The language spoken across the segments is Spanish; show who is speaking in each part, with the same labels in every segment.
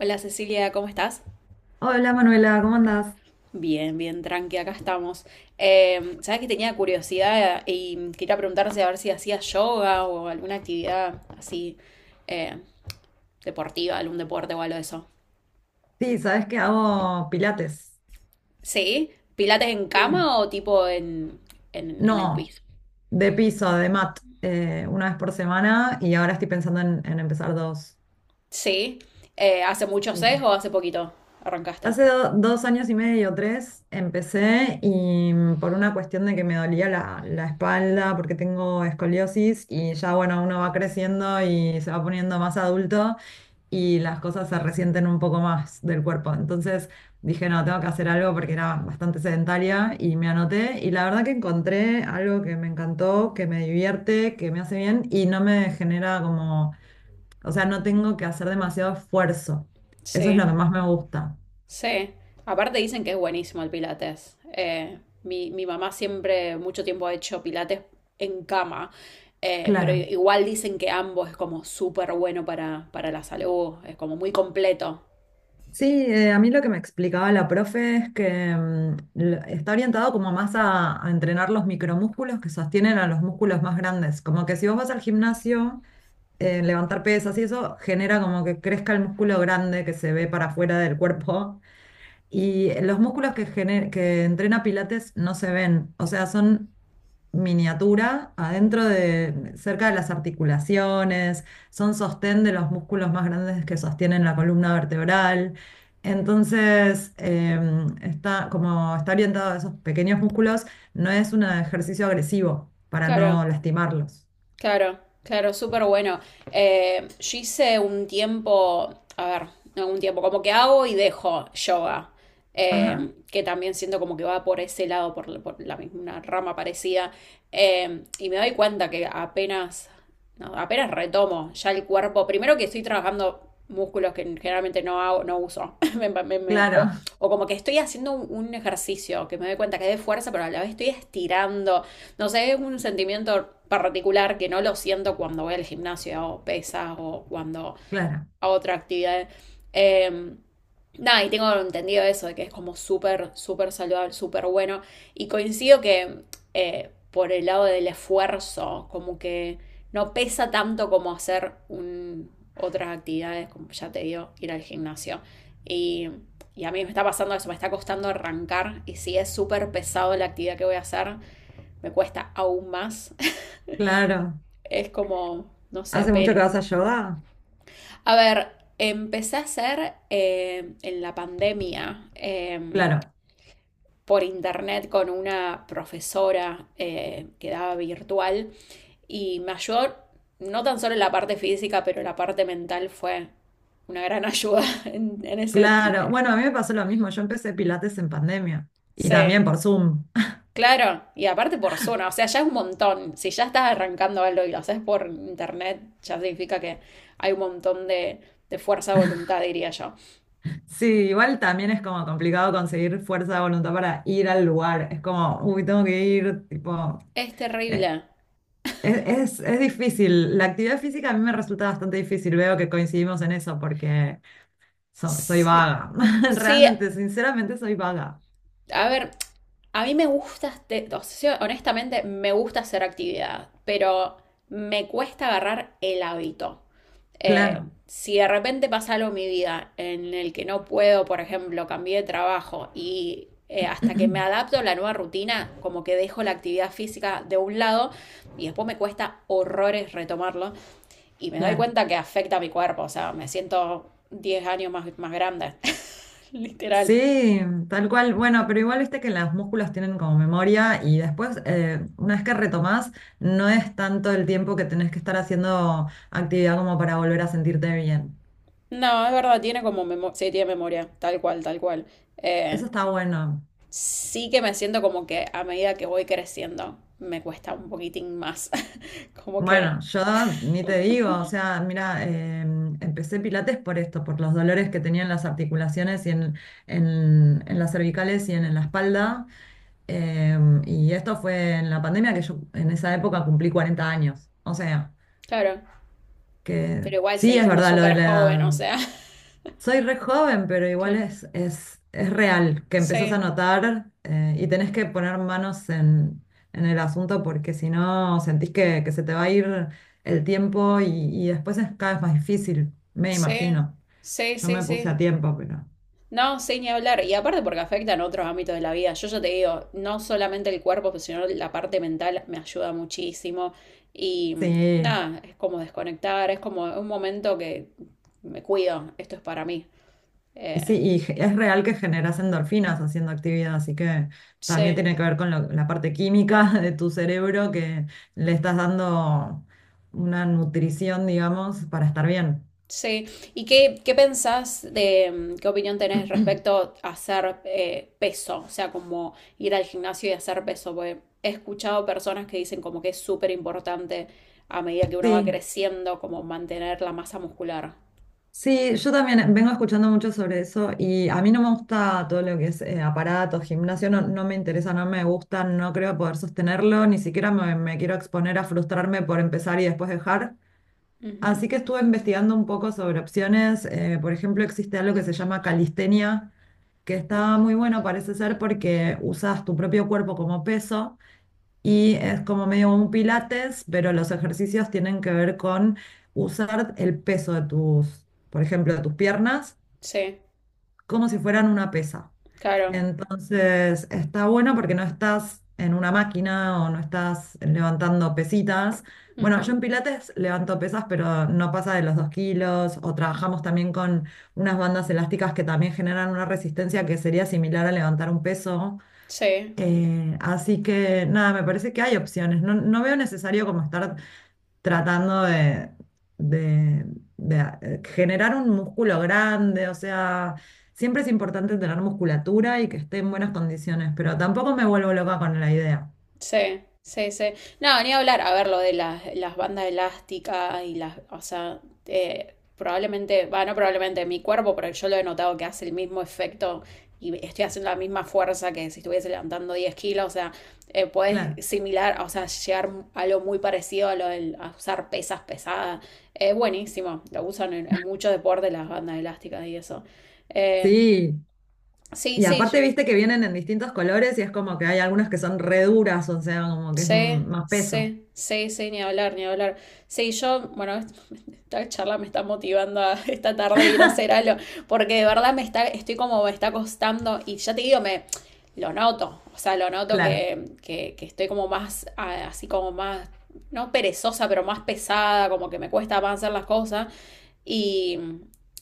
Speaker 1: Hola Cecilia, ¿cómo estás?
Speaker 2: Hola Manuela, ¿cómo andás?
Speaker 1: Bien, bien, tranqui, acá estamos. Sabes que tenía curiosidad y quería preguntarse a ver si hacías yoga o alguna actividad así eh, deportiva, algún deporte o algo de eso.
Speaker 2: Sí, sabes que hago pilates.
Speaker 1: ¿Sí? ¿Pilates en
Speaker 2: Sí.
Speaker 1: cama o tipo en, en el
Speaker 2: No,
Speaker 1: piso?
Speaker 2: de piso, de mat, una vez por semana y ahora estoy pensando en empezar dos.
Speaker 1: Sí. ¿Hace mucho sesgo
Speaker 2: Sí.
Speaker 1: o hace poquito arrancaste?
Speaker 2: Hace dos años y medio, tres, empecé y por una cuestión de que me dolía la espalda porque tengo escoliosis y ya bueno, uno va creciendo y se va poniendo más adulto y las cosas se resienten un poco más del cuerpo. Entonces dije, no, tengo que hacer algo porque era bastante sedentaria y me anoté y la verdad que encontré algo que me encantó, que me divierte, que me hace bien y no me genera como, o sea, no tengo que hacer demasiado esfuerzo. Eso es
Speaker 1: Sí.
Speaker 2: lo que más me gusta.
Speaker 1: Sí, aparte dicen que es buenísimo el pilates. Mi mamá siempre, mucho tiempo ha hecho pilates en cama, pero
Speaker 2: Claro.
Speaker 1: igual dicen que ambos es como súper bueno para la salud, es como muy completo.
Speaker 2: Sí, a mí lo que me explicaba la profe es que está orientado como más a entrenar los micromúsculos que sostienen a los músculos más grandes. Como que si vos vas al gimnasio levantar pesas y eso genera como que crezca el músculo grande que se ve para afuera del cuerpo. Y los músculos que, que entrena Pilates no se ven, o sea, son miniatura adentro de, cerca de las articulaciones, son sostén de los músculos más grandes que sostienen la columna vertebral. Entonces, está, como está orientado a esos pequeños músculos, no es un ejercicio agresivo para
Speaker 1: Claro.
Speaker 2: no lastimarlos.
Speaker 1: Claro, claro, súper bueno. Yo hice un tiempo, a ver, no un tiempo, como que hago y dejo yoga,
Speaker 2: Ajá,
Speaker 1: que también siento como que va por ese lado, por, por la misma una rama parecida, y me doy cuenta que apenas, no, apenas retomo ya el cuerpo, primero que estoy trabajando músculos que generalmente no hago, no uso,
Speaker 2: claro,
Speaker 1: o como que estoy haciendo un ejercicio, que me doy cuenta que es de fuerza, pero a la vez estoy estirando, no sé, es un sentimiento particular que no lo siento cuando voy al gimnasio o pesas o cuando
Speaker 2: claro.
Speaker 1: hago otra actividad. Eh, Nada, y tengo entendido eso, de que es como súper, súper saludable, súper bueno. Y coincido que por el lado del esfuerzo, como que no pesa tanto como hacer un, otras actividades, como ya te digo, ir al gimnasio. Y, y a mí me está pasando eso, me está costando arrancar. Y si es súper pesado la actividad que voy a hacer, me cuesta aún más.
Speaker 2: Claro.
Speaker 1: Es como, no sé,
Speaker 2: ¿Hace mucho que
Speaker 1: pero...
Speaker 2: vas a yoga?
Speaker 1: A ver, empecé a hacer en la pandemia
Speaker 2: Claro,
Speaker 1: por internet con una profesora que daba virtual y me ayudó no tan solo en la parte física, pero la parte mental fue una gran ayuda en ese...
Speaker 2: claro. Bueno, a mí me pasó lo mismo. Yo empecé Pilates en pandemia y
Speaker 1: Sí,
Speaker 2: también por Zoom.
Speaker 1: claro, y aparte por zona, o sea, ya es un montón. Si ya estás arrancando algo y lo haces por internet, ya significa que hay un montón de fuerza de voluntad, diría yo.
Speaker 2: Sí, igual también es como complicado conseguir fuerza de voluntad para ir al lugar. Es como, uy, tengo que ir, tipo,
Speaker 1: Es
Speaker 2: eh,
Speaker 1: terrible.
Speaker 2: es, es difícil. La actividad física a mí me resulta bastante difícil. Veo que coincidimos en eso porque soy
Speaker 1: Sí,
Speaker 2: vaga.
Speaker 1: sí,
Speaker 2: Realmente, sinceramente, soy vaga.
Speaker 1: a ver, a mí me gusta, o sea, sí, honestamente, me gusta hacer actividad, pero me cuesta agarrar el hábito.
Speaker 2: Claro,
Speaker 1: Eh, si de repente pasa algo en mi vida en el que no puedo, por ejemplo, cambié de trabajo y hasta que me adapto a la nueva rutina, como que dejo la actividad física de un lado y después me cuesta horrores retomarlo y me doy
Speaker 2: claro.
Speaker 1: cuenta que afecta a mi cuerpo, o sea, me siento 10 años más, más grande, literal.
Speaker 2: Sí, tal cual. Bueno, pero igual viste que los músculos tienen como memoria y después, una vez que retomás, no es tanto el tiempo que tenés que estar haciendo actividad como para volver a sentirte bien.
Speaker 1: No, es verdad, tiene como memoria, sí, tiene memoria, tal cual, tal cual. Eh,
Speaker 2: Eso está bueno.
Speaker 1: sí que me siento como que a medida que voy creciendo me cuesta un poquitín más, como que,
Speaker 2: Bueno, yo ni te digo, o sea, mira, empecé pilates por esto, por los dolores que tenía en las articulaciones y en las cervicales y en la espalda. Eh, y esto fue en la pandemia que yo en esa época cumplí 40 años. O sea.
Speaker 1: claro,
Speaker 2: Que
Speaker 1: pero igual
Speaker 2: sí,
Speaker 1: seguí
Speaker 2: es
Speaker 1: siendo
Speaker 2: verdad lo de
Speaker 1: súper
Speaker 2: la
Speaker 1: joven, o
Speaker 2: edad.
Speaker 1: sea,
Speaker 2: Soy re joven, pero igual
Speaker 1: que
Speaker 2: es real que empezás a
Speaker 1: sí,
Speaker 2: notar y tenés que poner manos en el asunto porque si no sentís que se te va a ir el tiempo y después es cada vez más difícil, me
Speaker 1: sí,
Speaker 2: imagino.
Speaker 1: sí,
Speaker 2: Yo
Speaker 1: sí,
Speaker 2: me puse a
Speaker 1: sí.
Speaker 2: tiempo, pero
Speaker 1: No, sí, ni hablar. Y aparte porque afectan otros ámbitos de la vida. Yo ya te digo, no solamente el cuerpo, pues, sino la parte mental me ayuda muchísimo. Y
Speaker 2: sí.
Speaker 1: nada, es como desconectar, es como un momento que me cuido, esto es para mí.
Speaker 2: Sí,
Speaker 1: Eh,
Speaker 2: y es real que generas endorfinas haciendo actividad, así que también
Speaker 1: sí.
Speaker 2: tiene que ver con la parte química de tu cerebro que le estás dando una nutrición, digamos, para estar bien.
Speaker 1: Sí, ¿y qué, qué pensás de, mm, qué opinión tenés respecto a hacer peso? O sea, como ir al gimnasio y hacer peso, porque he escuchado personas que dicen como que es súper importante a medida que uno va
Speaker 2: Sí,
Speaker 1: creciendo, como mantener la masa muscular.
Speaker 2: sí, yo también vengo escuchando mucho sobre eso y a mí no me gusta todo lo que es aparatos, gimnasio, no, no me interesa, no me gusta, no creo poder sostenerlo, ni siquiera me, me quiero exponer a frustrarme por empezar y después dejar.
Speaker 1: Ujú.
Speaker 2: Así que estuve investigando un poco sobre opciones. Por ejemplo, existe algo que se llama calistenia, que está muy bueno, parece ser, porque usas tu propio cuerpo como peso y es como medio un pilates, pero los ejercicios tienen que ver con usar el peso de tus, por ejemplo, de tus piernas
Speaker 1: Sí,
Speaker 2: como si fueran una pesa.
Speaker 1: claro.
Speaker 2: Entonces está bueno porque no estás en una máquina o no estás levantando pesitas. Bueno, yo
Speaker 1: Ujú.
Speaker 2: en Pilates levanto pesas, pero no pasa de los 2 kilos. O trabajamos también con unas bandas elásticas que también generan una resistencia que sería similar a levantar un peso.
Speaker 1: Sí.
Speaker 2: Así que nada, me parece que hay opciones. No, no veo necesario como estar tratando de, de- generar un músculo grande, o sea, siempre es importante tener musculatura y que esté en buenas condiciones, pero tampoco me vuelvo loca con la idea.
Speaker 1: Sí, sí, sí. No, ni hablar. A ver, lo de las bandas elásticas y las. O sea, probablemente. Va, no probablemente mi cuerpo, pero yo lo he notado que hace el mismo efecto y estoy haciendo la misma fuerza que si estuviese levantando 10 kilos. O sea,
Speaker 2: Claro.
Speaker 1: puedes similar, o sea, llegar a lo muy parecido a lo del a usar pesas pesadas. Es buenísimo. Lo usan en muchos deportes las bandas elásticas y eso. Eh,
Speaker 2: Sí.
Speaker 1: sí,
Speaker 2: Y aparte,
Speaker 1: sí,
Speaker 2: viste que vienen en distintos colores y es como que hay algunas que son re duras, o sea, como que es
Speaker 1: sí,
Speaker 2: más peso.
Speaker 1: sí, sí, sí, ni hablar, ni hablar. Sí, yo, bueno, esta charla me está motivando a esta tarde ir a hacer algo, porque de verdad me está, estoy como, me está costando, y ya te digo, me lo noto, o sea, lo noto
Speaker 2: Claro,
Speaker 1: que estoy como más, ah, así como más, no perezosa, pero más pesada, como que me cuesta más hacer las cosas, y,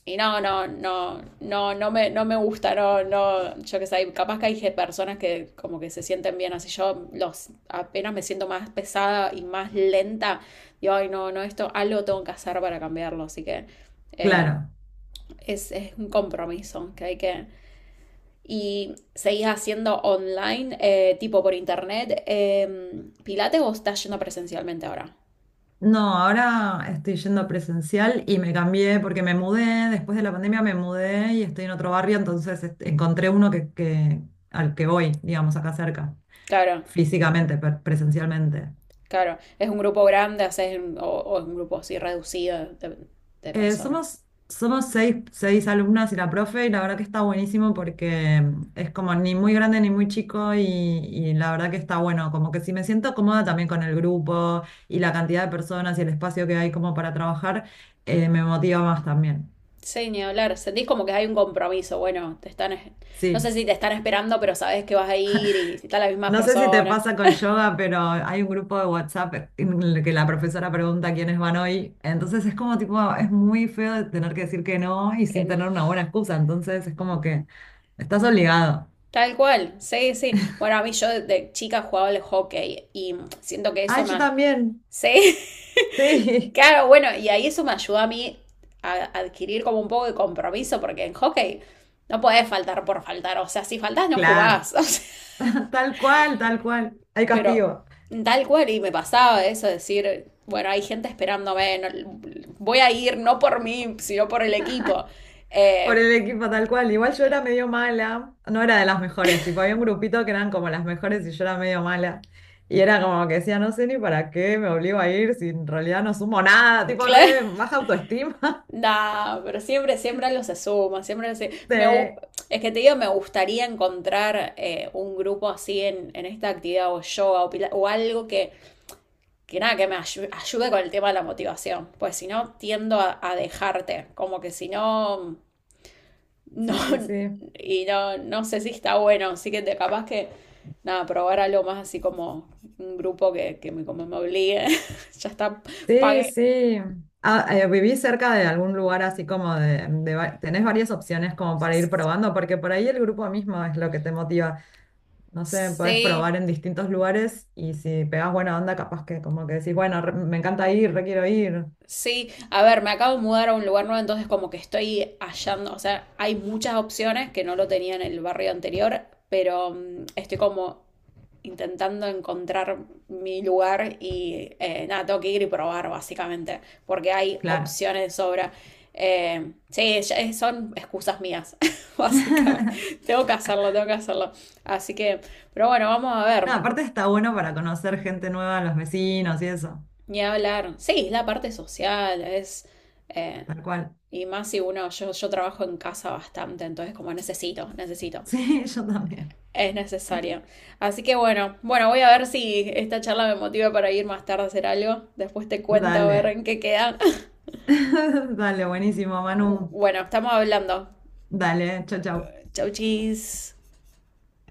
Speaker 1: y no, no, no, no, no me, no me gusta, no, no, yo qué sé, capaz que hay personas que como que se sienten bien así, yo los, apenas me siento más pesada y más lenta, digo, ay, no, no, esto algo tengo que hacer para cambiarlo, así que eh,
Speaker 2: claro.
Speaker 1: es un compromiso que hay que... ¿Y seguís haciendo online, tipo por internet, Pilates o estás yendo presencialmente ahora?
Speaker 2: No, ahora estoy yendo presencial y me cambié porque me mudé, después de la pandemia me mudé y estoy en otro barrio, entonces este, encontré uno al que voy, digamos, acá cerca,
Speaker 1: Claro,
Speaker 2: físicamente, presencialmente.
Speaker 1: claro, ¿es un grupo grande, haces un- o es un grupo así reducido de personas?
Speaker 2: Somos 6, 6 alumnas y la profe, y la verdad que está buenísimo porque es como ni muy grande ni muy chico, y la verdad que está bueno, como que si me siento cómoda también con el grupo y la cantidad de personas y el espacio que hay como para trabajar, me motiva más también.
Speaker 1: Sí, ni hablar. Sentís como que hay un compromiso. Bueno, te están, no
Speaker 2: Sí.
Speaker 1: sé si te están esperando, pero sabes que vas a ir y si están las mismas
Speaker 2: No sé si te
Speaker 1: personas.
Speaker 2: pasa con yoga, pero hay un grupo de WhatsApp en el que la profesora pregunta quiénes van hoy. Entonces es como tipo, es muy feo de tener que decir que no y
Speaker 1: Que
Speaker 2: sin
Speaker 1: no.
Speaker 2: tener una buena excusa. Entonces es como que estás obligado.
Speaker 1: Tal cual, sí, sí. Bueno, a mí yo de chica jugaba al hockey y siento que eso
Speaker 2: Ay,
Speaker 1: me...
Speaker 2: yo también.
Speaker 1: Sí,
Speaker 2: Sí,
Speaker 1: claro, bueno, y ahí eso me ayudó a mí a adquirir como un poco de compromiso, porque en hockey no podés faltar por faltar. O sea, si faltás, no
Speaker 2: claro.
Speaker 1: jugás.
Speaker 2: Tal cual, tal cual. Hay
Speaker 1: Pero
Speaker 2: castigo.
Speaker 1: tal cual, y me pasaba eso, decir, bueno, hay gente esperándome, no- voy a ir no por mí, sino por el equipo.
Speaker 2: Por
Speaker 1: Eh,
Speaker 2: el equipo tal cual. Igual yo era medio mala, no era de las mejores, tipo había un grupito que eran como las mejores y yo era medio mala. Y era como que decía, no sé ni para qué me obligo a ir si en realidad no sumo nada, tipo
Speaker 1: claro,
Speaker 2: re baja autoestima.
Speaker 1: nah, pero siempre, siempre los asuma,
Speaker 2: Sí,
Speaker 1: me es que te digo, me gustaría encontrar un grupo así en esta actividad o yoga o algo que nada, que me ayude con el tema de la motivación, pues si no tiendo a dejarte, como que si no no,
Speaker 2: sí, sí, sí.
Speaker 1: y no, no sé si está bueno, así que te capaz que, nada, probar algo más así como un grupo que me, como me obligue. Ya está,
Speaker 2: Sí,
Speaker 1: pagué.
Speaker 2: sí. Ah, ¿viví cerca de algún lugar así como de, tenés varias opciones como para ir probando? Porque por ahí el grupo mismo es lo que te motiva. No sé, podés
Speaker 1: Sí,
Speaker 2: probar en distintos lugares y si pegás buena onda, capaz que como que decís, bueno, me encanta ir, re quiero ir.
Speaker 1: sí, a ver, me acabo de mudar a un lugar nuevo, entonces como que estoy hallando, o sea, hay muchas opciones que no lo tenía en el barrio anterior, pero mm, estoy como intentando encontrar mi lugar y nada, tengo que ir y probar básicamente, porque hay
Speaker 2: Claro.
Speaker 1: opciones de sobra. Sí, son excusas mías, básicamente. Tengo que hacerlo, tengo que hacerlo. Así que, pero bueno, vamos a ver,
Speaker 2: No, aparte está bueno para conocer gente nueva, los vecinos y eso.
Speaker 1: ni hablar. Sí, la parte social es... eh,
Speaker 2: Tal cual.
Speaker 1: Y más si uno, yo trabajo en casa bastante, entonces como necesito, necesito,
Speaker 2: Sí, yo también.
Speaker 1: es necesario. Así que bueno, bueno, voy a ver si esta charla me motiva para ir más tarde a hacer algo. Después te cuento a ver
Speaker 2: Dale.
Speaker 1: en qué queda.
Speaker 2: Dale, buenísimo, Manu.
Speaker 1: Bueno, estamos hablando.
Speaker 2: Dale, chau, chau.
Speaker 1: Chau, chis.